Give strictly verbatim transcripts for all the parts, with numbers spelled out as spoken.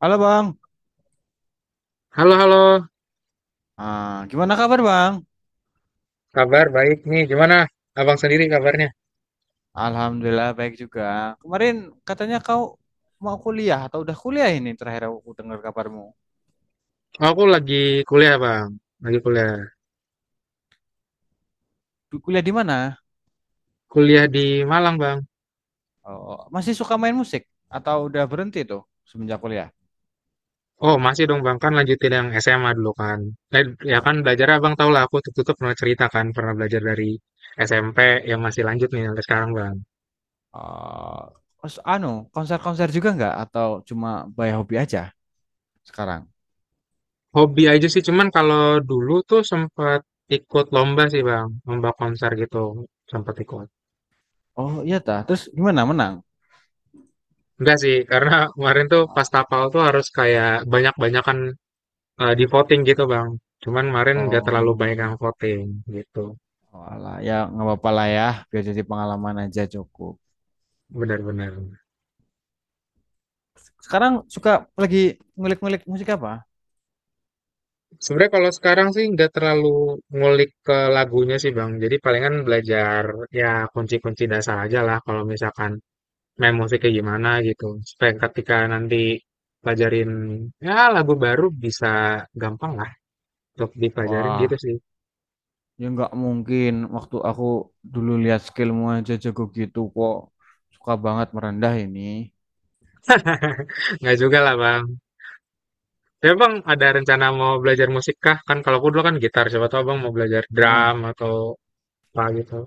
Halo Bang, Halo, halo. ah, gimana kabar Bang? Kabar baik nih, gimana abang sendiri kabarnya? Alhamdulillah baik juga. Kemarin katanya kau mau kuliah atau udah kuliah ini terakhir aku dengar kabarmu. Oh, aku lagi kuliah, Bang. Lagi kuliah. Du- Kuliah di mana? Kuliah di Malang, Bang. Oh, masih suka main musik atau udah berhenti tuh semenjak kuliah? Oh, masih dong, Bang. Kan lanjutin yang S M A dulu kan. Eh, ya kan Nah, belajar Abang tau lah, aku tutup-tutup pernah cerita kan, pernah belajar dari S M P yang masih lanjut nih sampai sekarang, Bang. oh, terus anu konser-konser juga nggak atau cuma by hobi aja sekarang? Hobi aja sih, cuman kalau dulu tuh sempat ikut lomba sih, Bang. Lomba konser gitu, sempat ikut. Oh iya tah, terus gimana menang? Enggak sih, karena kemarin tuh pas tapal tuh harus kayak banyak-banyakan, Eh, di voting gitu, Bang. Cuman kemarin nggak terlalu banyak yang Oh, voting gitu. oh alah, ya nggak apa-apa lah ya, biar jadi pengalaman aja cukup. Benar-benar. Sekarang suka lagi ngulik-ngulik musik apa? Sebenarnya kalau sekarang sih nggak terlalu ngulik ke lagunya sih, Bang. Jadi palingan belajar ya kunci-kunci dasar aja lah kalau misalkan main musiknya gimana gitu. Supaya ketika nanti pelajarin ya lagu baru bisa gampang lah untuk dipelajarin gitu Wah, sih. ya nggak mungkin. Waktu aku dulu lihat skillmu aja jago gitu kok. Suka banget merendah ini. Nggak juga lah, Bang. Tapi Bang, ada rencana mau belajar musik kah? Kan kalau aku dulu kan gitar, siapa tahu Bang mau belajar drum Ah, atau apa gitu.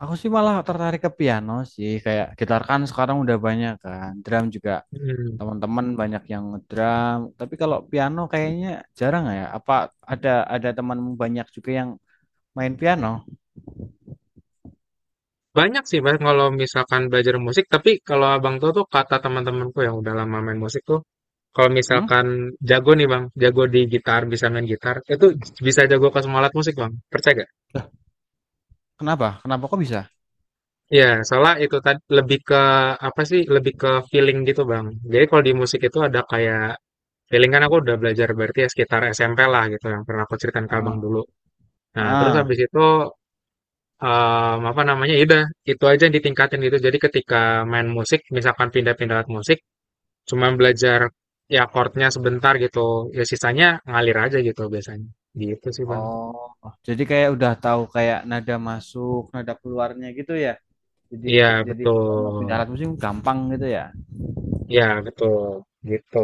aku sih malah tertarik ke piano sih. Kayak gitar kan sekarang udah banyak kan. Drum juga Mhm. teman-teman banyak yang ngedrum. Tapi kalau piano kayaknya jarang ya. Apa ada ada temanmu banyak juga yang main piano? Banyak sih, Mas, kalau misalkan belajar musik, tapi kalau Abang tuh tuh kata teman-temanku yang udah lama main musik tuh, kalau Hmm? misalkan jago nih Bang, jago di gitar, bisa main gitar, itu bisa jago ke semua alat musik Bang, percaya gak? Kenapa? Kenapa kok bisa? Iya, soalnya itu tadi lebih ke apa sih? Lebih ke feeling gitu, Bang. Jadi kalau di musik itu ada kayak feeling, kan aku udah belajar berarti ya sekitar S M P lah gitu yang pernah aku ceritain ke Abang Ah. dulu. Nah, terus Ah. habis itu, Eee, apa namanya, ya udah itu aja yang ditingkatin gitu. Jadi ketika main musik, misalkan pindah-pindah alat musik, cuman belajar ya chordnya sebentar gitu, ya sisanya ngalir aja gitu biasanya. Gitu sih, Bang. Oh, jadi kayak udah tahu kayak nada masuk, nada keluarnya gitu ya. Jadi Iya, jadi betul. kalau mau pindah alat musik gampang gitu ya. Iya, betul, gitu.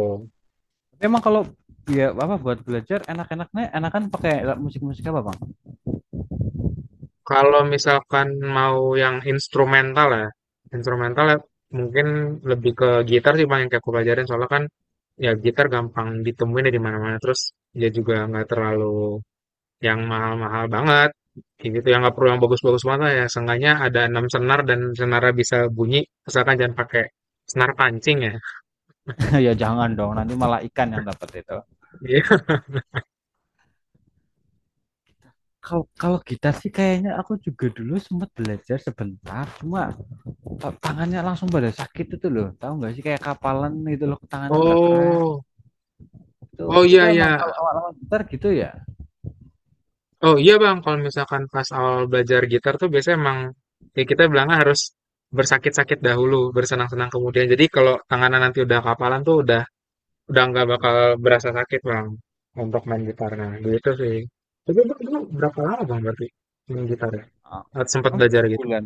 Tapi emang kalau ya apa buat belajar enak-enaknya enakan pakai alat musik-musik apa, Bang? Kalau misalkan mau yang instrumental ya, instrumental ya mungkin lebih ke gitar sih, Bang, yang kayak aku pelajarin, soalnya kan ya gitar gampang ditemuin ya di mana-mana, terus ya juga nggak terlalu yang mahal-mahal banget, kayak gitu yang nggak perlu yang bagus-bagus banget, ya seenggaknya ada enam senar dan senarnya bisa bunyi, asalkan jangan pakai senar pancing ya. Ya jangan dong, nanti malah ikan yang dapat itu. Iya. Kalau kalau gitar sih kayaknya aku juga dulu sempat belajar sebentar, cuma ta- tangannya langsung pada sakit itu loh. Tahu nggak sih kayak kapalan gitu loh, tangannya berkerak. Oh, Itu oh itu iya iya, emang kalau awal-awal gitar gitu ya. oh iya Bang, kalau misalkan pas awal belajar gitar tuh biasanya emang ya kita bilangnya harus bersakit-sakit dahulu bersenang-senang kemudian. Jadi kalau tangannya nanti udah kapalan tuh udah udah nggak bakal berasa sakit Bang untuk main gitarnya gitu sih. Tapi Bang, dulu berapa lama Bang berarti main gitar ya, Ah, sempat oh, belajar gitu. sebulan.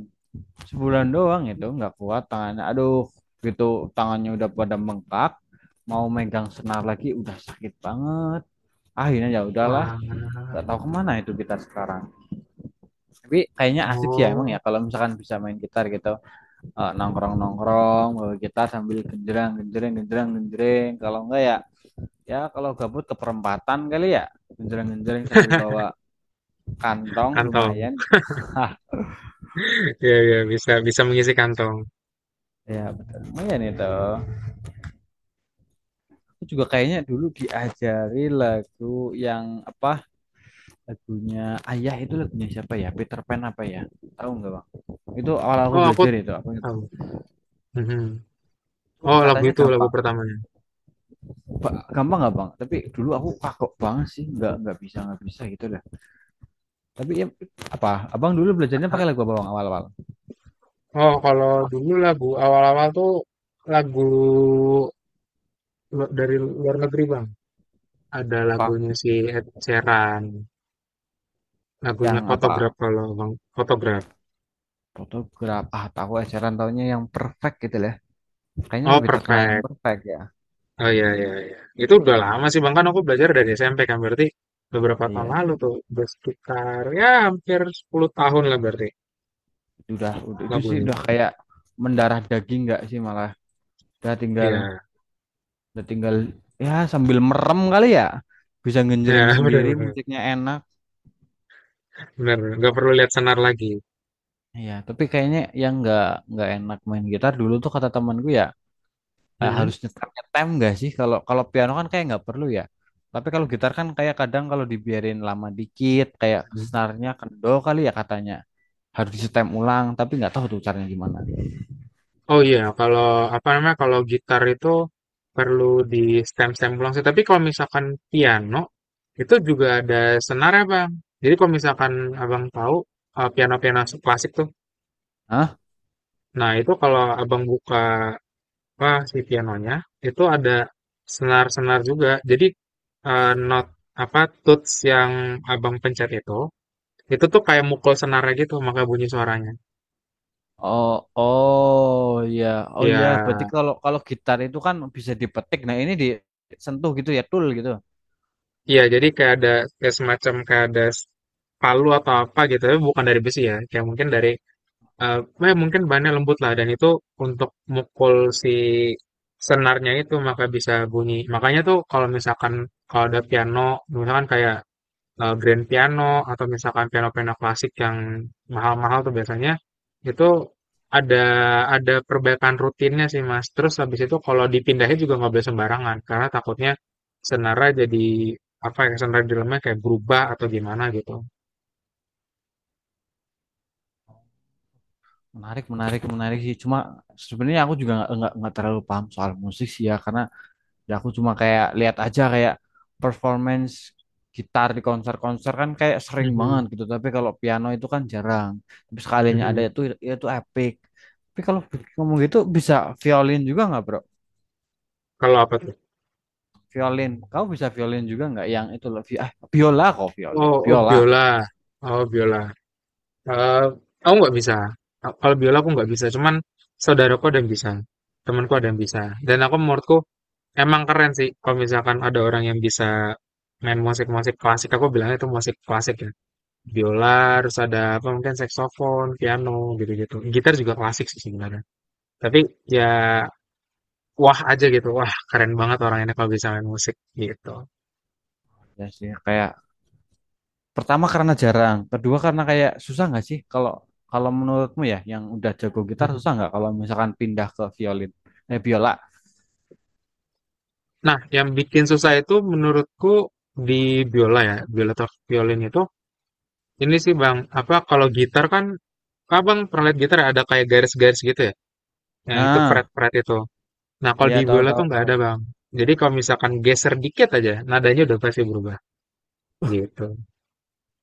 Sebulan doang itu nggak kuat tangannya. Aduh, gitu tangannya udah pada bengkak. Mau megang senar lagi udah sakit banget. Akhirnya ya udahlah, Wah, nggak tahu kemana itu gitar sekarang. Tapi kayaknya asik sih ya emang ya oh, kalau misalkan bisa main gitar gitu, Eh, nongkrong-nongkrong bawa gitar sambil genjreng genjreng genjreng genjreng. Kalau enggak ya ya kalau gabut ke perempatan kali ya genjreng genjreng sambil bawa kantong kantong. lumayan. Hah, Iya, iya, bisa bisa mengisi kantong. ya betul lumayan itu. Aku juga kayaknya dulu diajari lagu yang apa lagunya Ayah itu lagunya siapa ya Peter Pan apa ya tahu nggak bang itu awal aku Oh, aku belajar itu aku ingat tahu. banget. Mhm. Itu Oh, lagu katanya itu lagu gampang. pertamanya. Ba- gampang nggak bang tapi dulu aku kagok banget sih nggak nggak bisa nggak bisa gitu dah tapi ya, apa abang dulu belajarnya Ha- pakai lagu apa bang awal-awal Oh, kalau dulu lagu awal-awal tuh lagu, lu- dari luar negeri, Bang. Ada apa lagunya si Ed Sheeran, lagunya yang Photograph apa kalau Bang, Photograph. fotograf ah tahu ajaran tahunya yang perfect gitu lah kayaknya Oh, lebih terkenal yang Perfect. perfect ya Oh iya iya iya. Itu udah lama sih, Bang. Kan aku belajar dari S M P kan berarti beberapa tahun iya lalu tuh, udah sekitar ya hampir sepuluh tahun lah berarti udah udah- itu sih lagunya. udah kayak mendarah daging nggak sih malah udah tinggal Iya. udah tinggal ya sambil merem kali ya bisa Ya, ngenjreng sendiri benar-benar, musiknya enak benar-benar. Nggak perlu lihat senar lagi. ya tapi kayaknya yang nggak nggak enak main gitar dulu tuh kata temanku ya eh, Mm-mm. harus nyetem nyetem nggak sih kalau kalau piano kan kayak nggak perlu ya tapi kalau gitar kan kayak kadang kalau dibiarin lama dikit kayak Mm. senarnya kendor kali ya katanya harus disetem ulang tapi nggak tahu tuh caranya gimana. Oh iya, kalau apa namanya, kalau gitar itu perlu di stem-stem ulang sih. Tapi kalau misalkan piano itu juga ada senar ya, Bang. Jadi kalau misalkan Abang tahu, eh, piano-piano klasik tuh. Hah? Nah, itu kalau Abang buka apa si pianonya itu ada senar-senar juga. Jadi, eh, not apa tuts yang Abang pencet itu itu tuh kayak mukul senarnya gitu maka bunyi suaranya. Oh, oh ya, oh ya. Berarti Ya, kalau kalau gitar itu kan bisa dipetik. Nah ini disentuh gitu ya, tool gitu. iya, jadi kayak ada kayak semacam kayak ada s- palu atau apa gitu, tapi bukan dari besi ya. Kayak mungkin dari, eh eh, mungkin bahannya lembut lah, dan itu untuk mukul si senarnya itu maka bisa bunyi. Makanya tuh kalau misalkan kalau ada piano, misalkan kayak, eh, grand piano atau misalkan piano-piano klasik yang mahal-mahal tuh biasanya itu ada ada perbaikan rutinnya sih, Mas. Terus habis itu kalau dipindahin juga nggak boleh sembarangan karena takutnya senara jadi apa ya, senara di dalamnya kayak berubah atau gimana gitu. Menarik, menarik, menarik sih. Cuma sebenarnya aku juga nggak nggak nggak terlalu paham soal musik sih ya, karena ya aku cuma kayak lihat aja kayak performance gitar di konser-konser kan kayak sering banget Mhm, gitu. Tapi kalau piano itu kan jarang. Tapi sekalinya ada mhm. itu itu epic. Tapi kalau ngomong gitu bisa violin juga nggak, bro? Kalau apa tuh? Violin, kau bisa violin juga nggak? Yang itu loh, vi- ah, biola kok violin, Oh, oh biola. biola, oh biola. Eh, aku nggak bisa. Kalau biola aku nggak bisa, cuman saudaraku ada yang bisa, temanku ada yang bisa. Dan aku, menurutku emang keren sih kalau misalkan ada orang yang bisa main musik-musik klasik. Aku bilangnya itu musik klasik ya. Biola, terus ada apa mungkin saksofon, piano gitu-gitu. Gitar juga klasik sih sebenarnya. Tapi ya wah aja gitu. Wah, keren banget orang ini kalau bisa main musik gitu. Ya sih, kayak pertama karena jarang, kedua karena kayak susah nggak sih kalau kalau menurutmu ya yang udah jago gitar Mhm. susah nggak kalau misalkan pindah ke violin, eh biola. Nah, yang bikin susah itu menurutku di biola ya, biola atau violin itu ini sih, Bang, apa, kalau gitar kan Abang pernah lihat gitar ya, ada kayak garis-garis gitu ya? Yang itu Nah, fret-fret itu. Nah, kalau iya di tahu biola tahu tuh nggak tahu. ada, Bang. Jadi kalau misalkan geser dikit aja, nadanya udah pasti berubah gitu.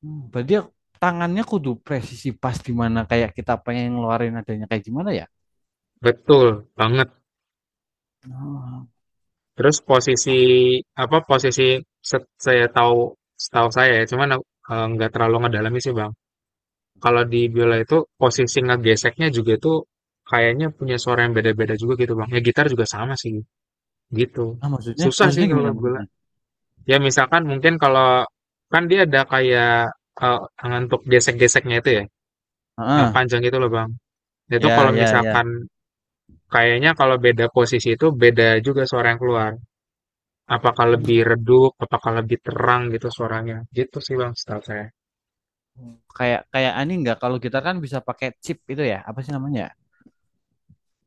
Hmm, berarti ya tangannya kudu presisi pas di mana kayak kita pengen ngeluarin adanya kayak gimana ya? Betul banget. Ah, Terus apa? posisi apa, posisi se- saya tahu, setahu saya ya, cuman aku, eh, nggak terlalu ngedalami sih, Bang. Kalau di biola itu posisi ngegeseknya juga itu kayaknya punya suara yang beda-beda juga gitu, Bang. Ya gitar juga sama sih gitu. Ah, maksudnya Susah sih maksudnya kalau gimana biola. maksudnya? Ya misalkan mungkin kalau, kan dia ada kayak, eh, tangan untuk gesek-geseknya itu ya, yang Heeh. panjang itu loh, Bang. Itu Ya kalau ya ya. misalkan kayaknya kalau beda posisi itu beda juga suara yang keluar. Apakah lebih Hmm. redup, apakah lebih terang gitu suaranya. Gitu sih Bang, setahu saya. Kayak kayak ani nggak kalau gitar kan bisa pakai chip itu ya, apa sih namanya? Ya?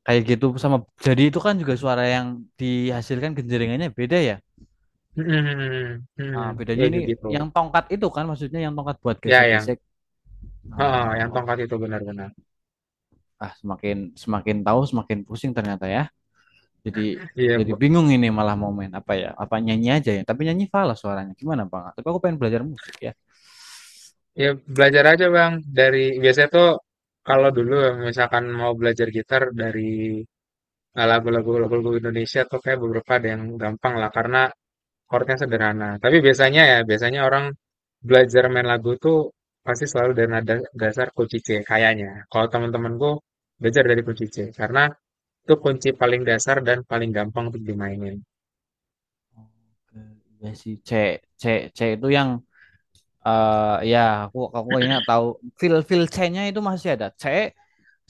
Kayak gitu sama jadi itu kan juga suara yang dihasilkan genjeringannya beda ya. Hmm, hmm, hmm, Ah, hmm. Ya bedanya ini kayak gitu. yang tongkat itu kan maksudnya yang tongkat buat Ya yang, gesek-gesek. heeh, yang Oh, tongkat itu benar-benar. ah semakin semakin tahu semakin pusing ternyata ya. Jadi Iya, jadi Bu. bingung ini malah mau main apa ya? Apa nyanyi aja ya? Tapi nyanyi falas suaranya. Gimana Bang? Tapi aku pengen belajar musik ya. Ya belajar aja Bang. Dari biasanya tuh kalau dulu misalkan mau belajar gitar dari, eh, lagu-lagu lagu-lagu Indonesia tuh kayak beberapa ada yang gampang lah, karena chordnya sederhana. Tapi biasanya ya, biasanya orang belajar main lagu tuh pasti selalu dari nada dasar kunci C, kayaknya. Kalau teman-temanku belajar dari kunci C, karena itu kunci paling dasar dan paling gampang untuk dimainin. Oke, iya sih C C C itu yang eh ya aku aku kayaknya tahu feel feel C-nya itu masih ada. C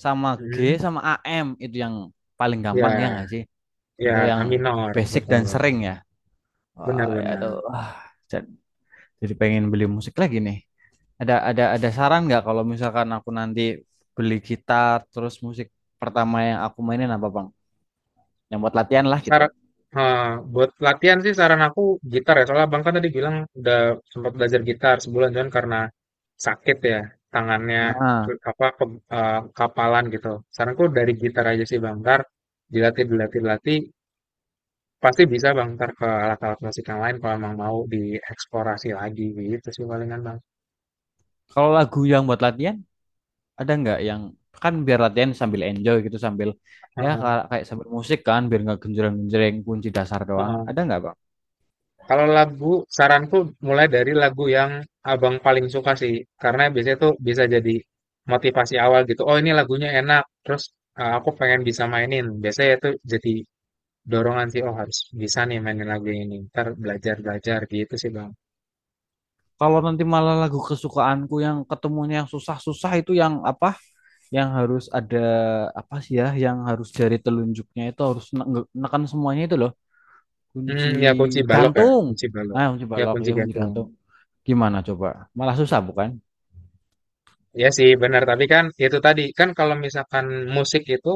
sama G Hmm, sama A M itu yang paling gampang ya nggak ya, sih? Itu ya, yang A minor, basic dan betul. sering ya. Wah, ya itu. Benar-benar. Ah, jadi pengen beli musik lagi nih. Ada ada ada saran nggak kalau misalkan aku nanti beli gitar terus musik pertama yang aku mainin apa Bang? Yang buat latihan lah gitu. Saran, eee, buat latihan sih saran aku gitar ya, soalnya Abang kan tadi bilang udah sempat belajar gitar sebulan, cuman karena sakit ya tangannya, ke Ah, apa, keb eee, kapalan gitu. Saranku dari gitar aja sih, Bang, entar dilatih dilatih dilatih, pasti bisa Bang entar ke alat-alat musik yang lain kalau emang mau dieksplorasi lagi, gitu sih palingan Bang. kalau lagu yang buat latihan ada nggak yang kan biar latihan sambil enjoy gitu sambil ya Heeh, ka- kayak sambil musik kan biar nggak genjreng-genjreng kunci dasar doang. heeh. Ada nggak Bang? Kalau lagu, saranku mulai dari lagu yang Abang paling suka sih, karena biasanya tuh bisa jadi motivasi awal gitu. Oh, ini lagunya enak, terus, uh, aku pengen bisa mainin. Biasanya itu jadi dorongan sih, oh harus bisa nih mainin lagu ini. Ntar belajar-belajar gitu sih, Bang. Kalau nanti malah lagu kesukaanku yang ketemunya yang susah-susah itu yang apa? Yang harus ada apa sih ya yang harus jari telunjuknya itu harus ne- nge- neken semuanya itu loh. Kunci Hmm, ya kunci balok ya, gantung. kunci balok. Ah, kunci Ya balok kunci ya kunci gantung. gantung. Gimana coba? Malah susah bukan? Ya sih benar, tapi kan itu tadi kan kalau misalkan musik itu,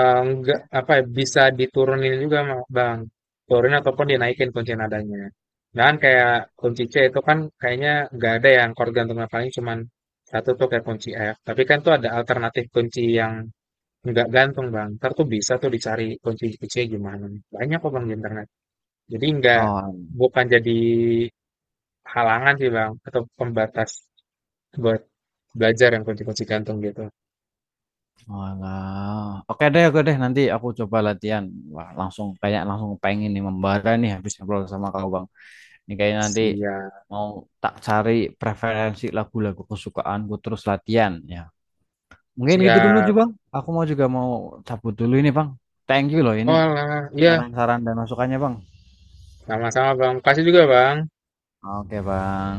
eh, enggak apa ya, bisa diturunin juga, Ma- bang turunin ataupun dinaikin kunci nadanya, dan kayak kunci C itu kan kayaknya nggak ada yang chord gantungnya, paling cuman satu tuh kayak kunci F, tapi kan tuh ada alternatif kunci yang nggak gantung Bang, ntar tuh bisa tuh dicari kunci C gimana, banyak kok Bang di internet, jadi nggak, Oh, bukan jadi halangan sih Bang, atau pembatas buat belajar yang kunci-kunci gantung gitu. alah. Oke deh, oke deh. Nanti aku coba latihan. Wah, langsung kayak langsung pengen nih membara nih habis ngobrol sama kau bang. Ini kayaknya nanti Siap, mau tak cari preferensi lagu-lagu kesukaanku terus latihan ya. Mungkin gitu dulu juga siap. bang. Aku mau juga mau cabut dulu ini bang. Thank you loh ini Oh lah ya. saran-saran dan masukannya bang. Sama-sama, Bang. Kasih juga, Bang. Oke bang.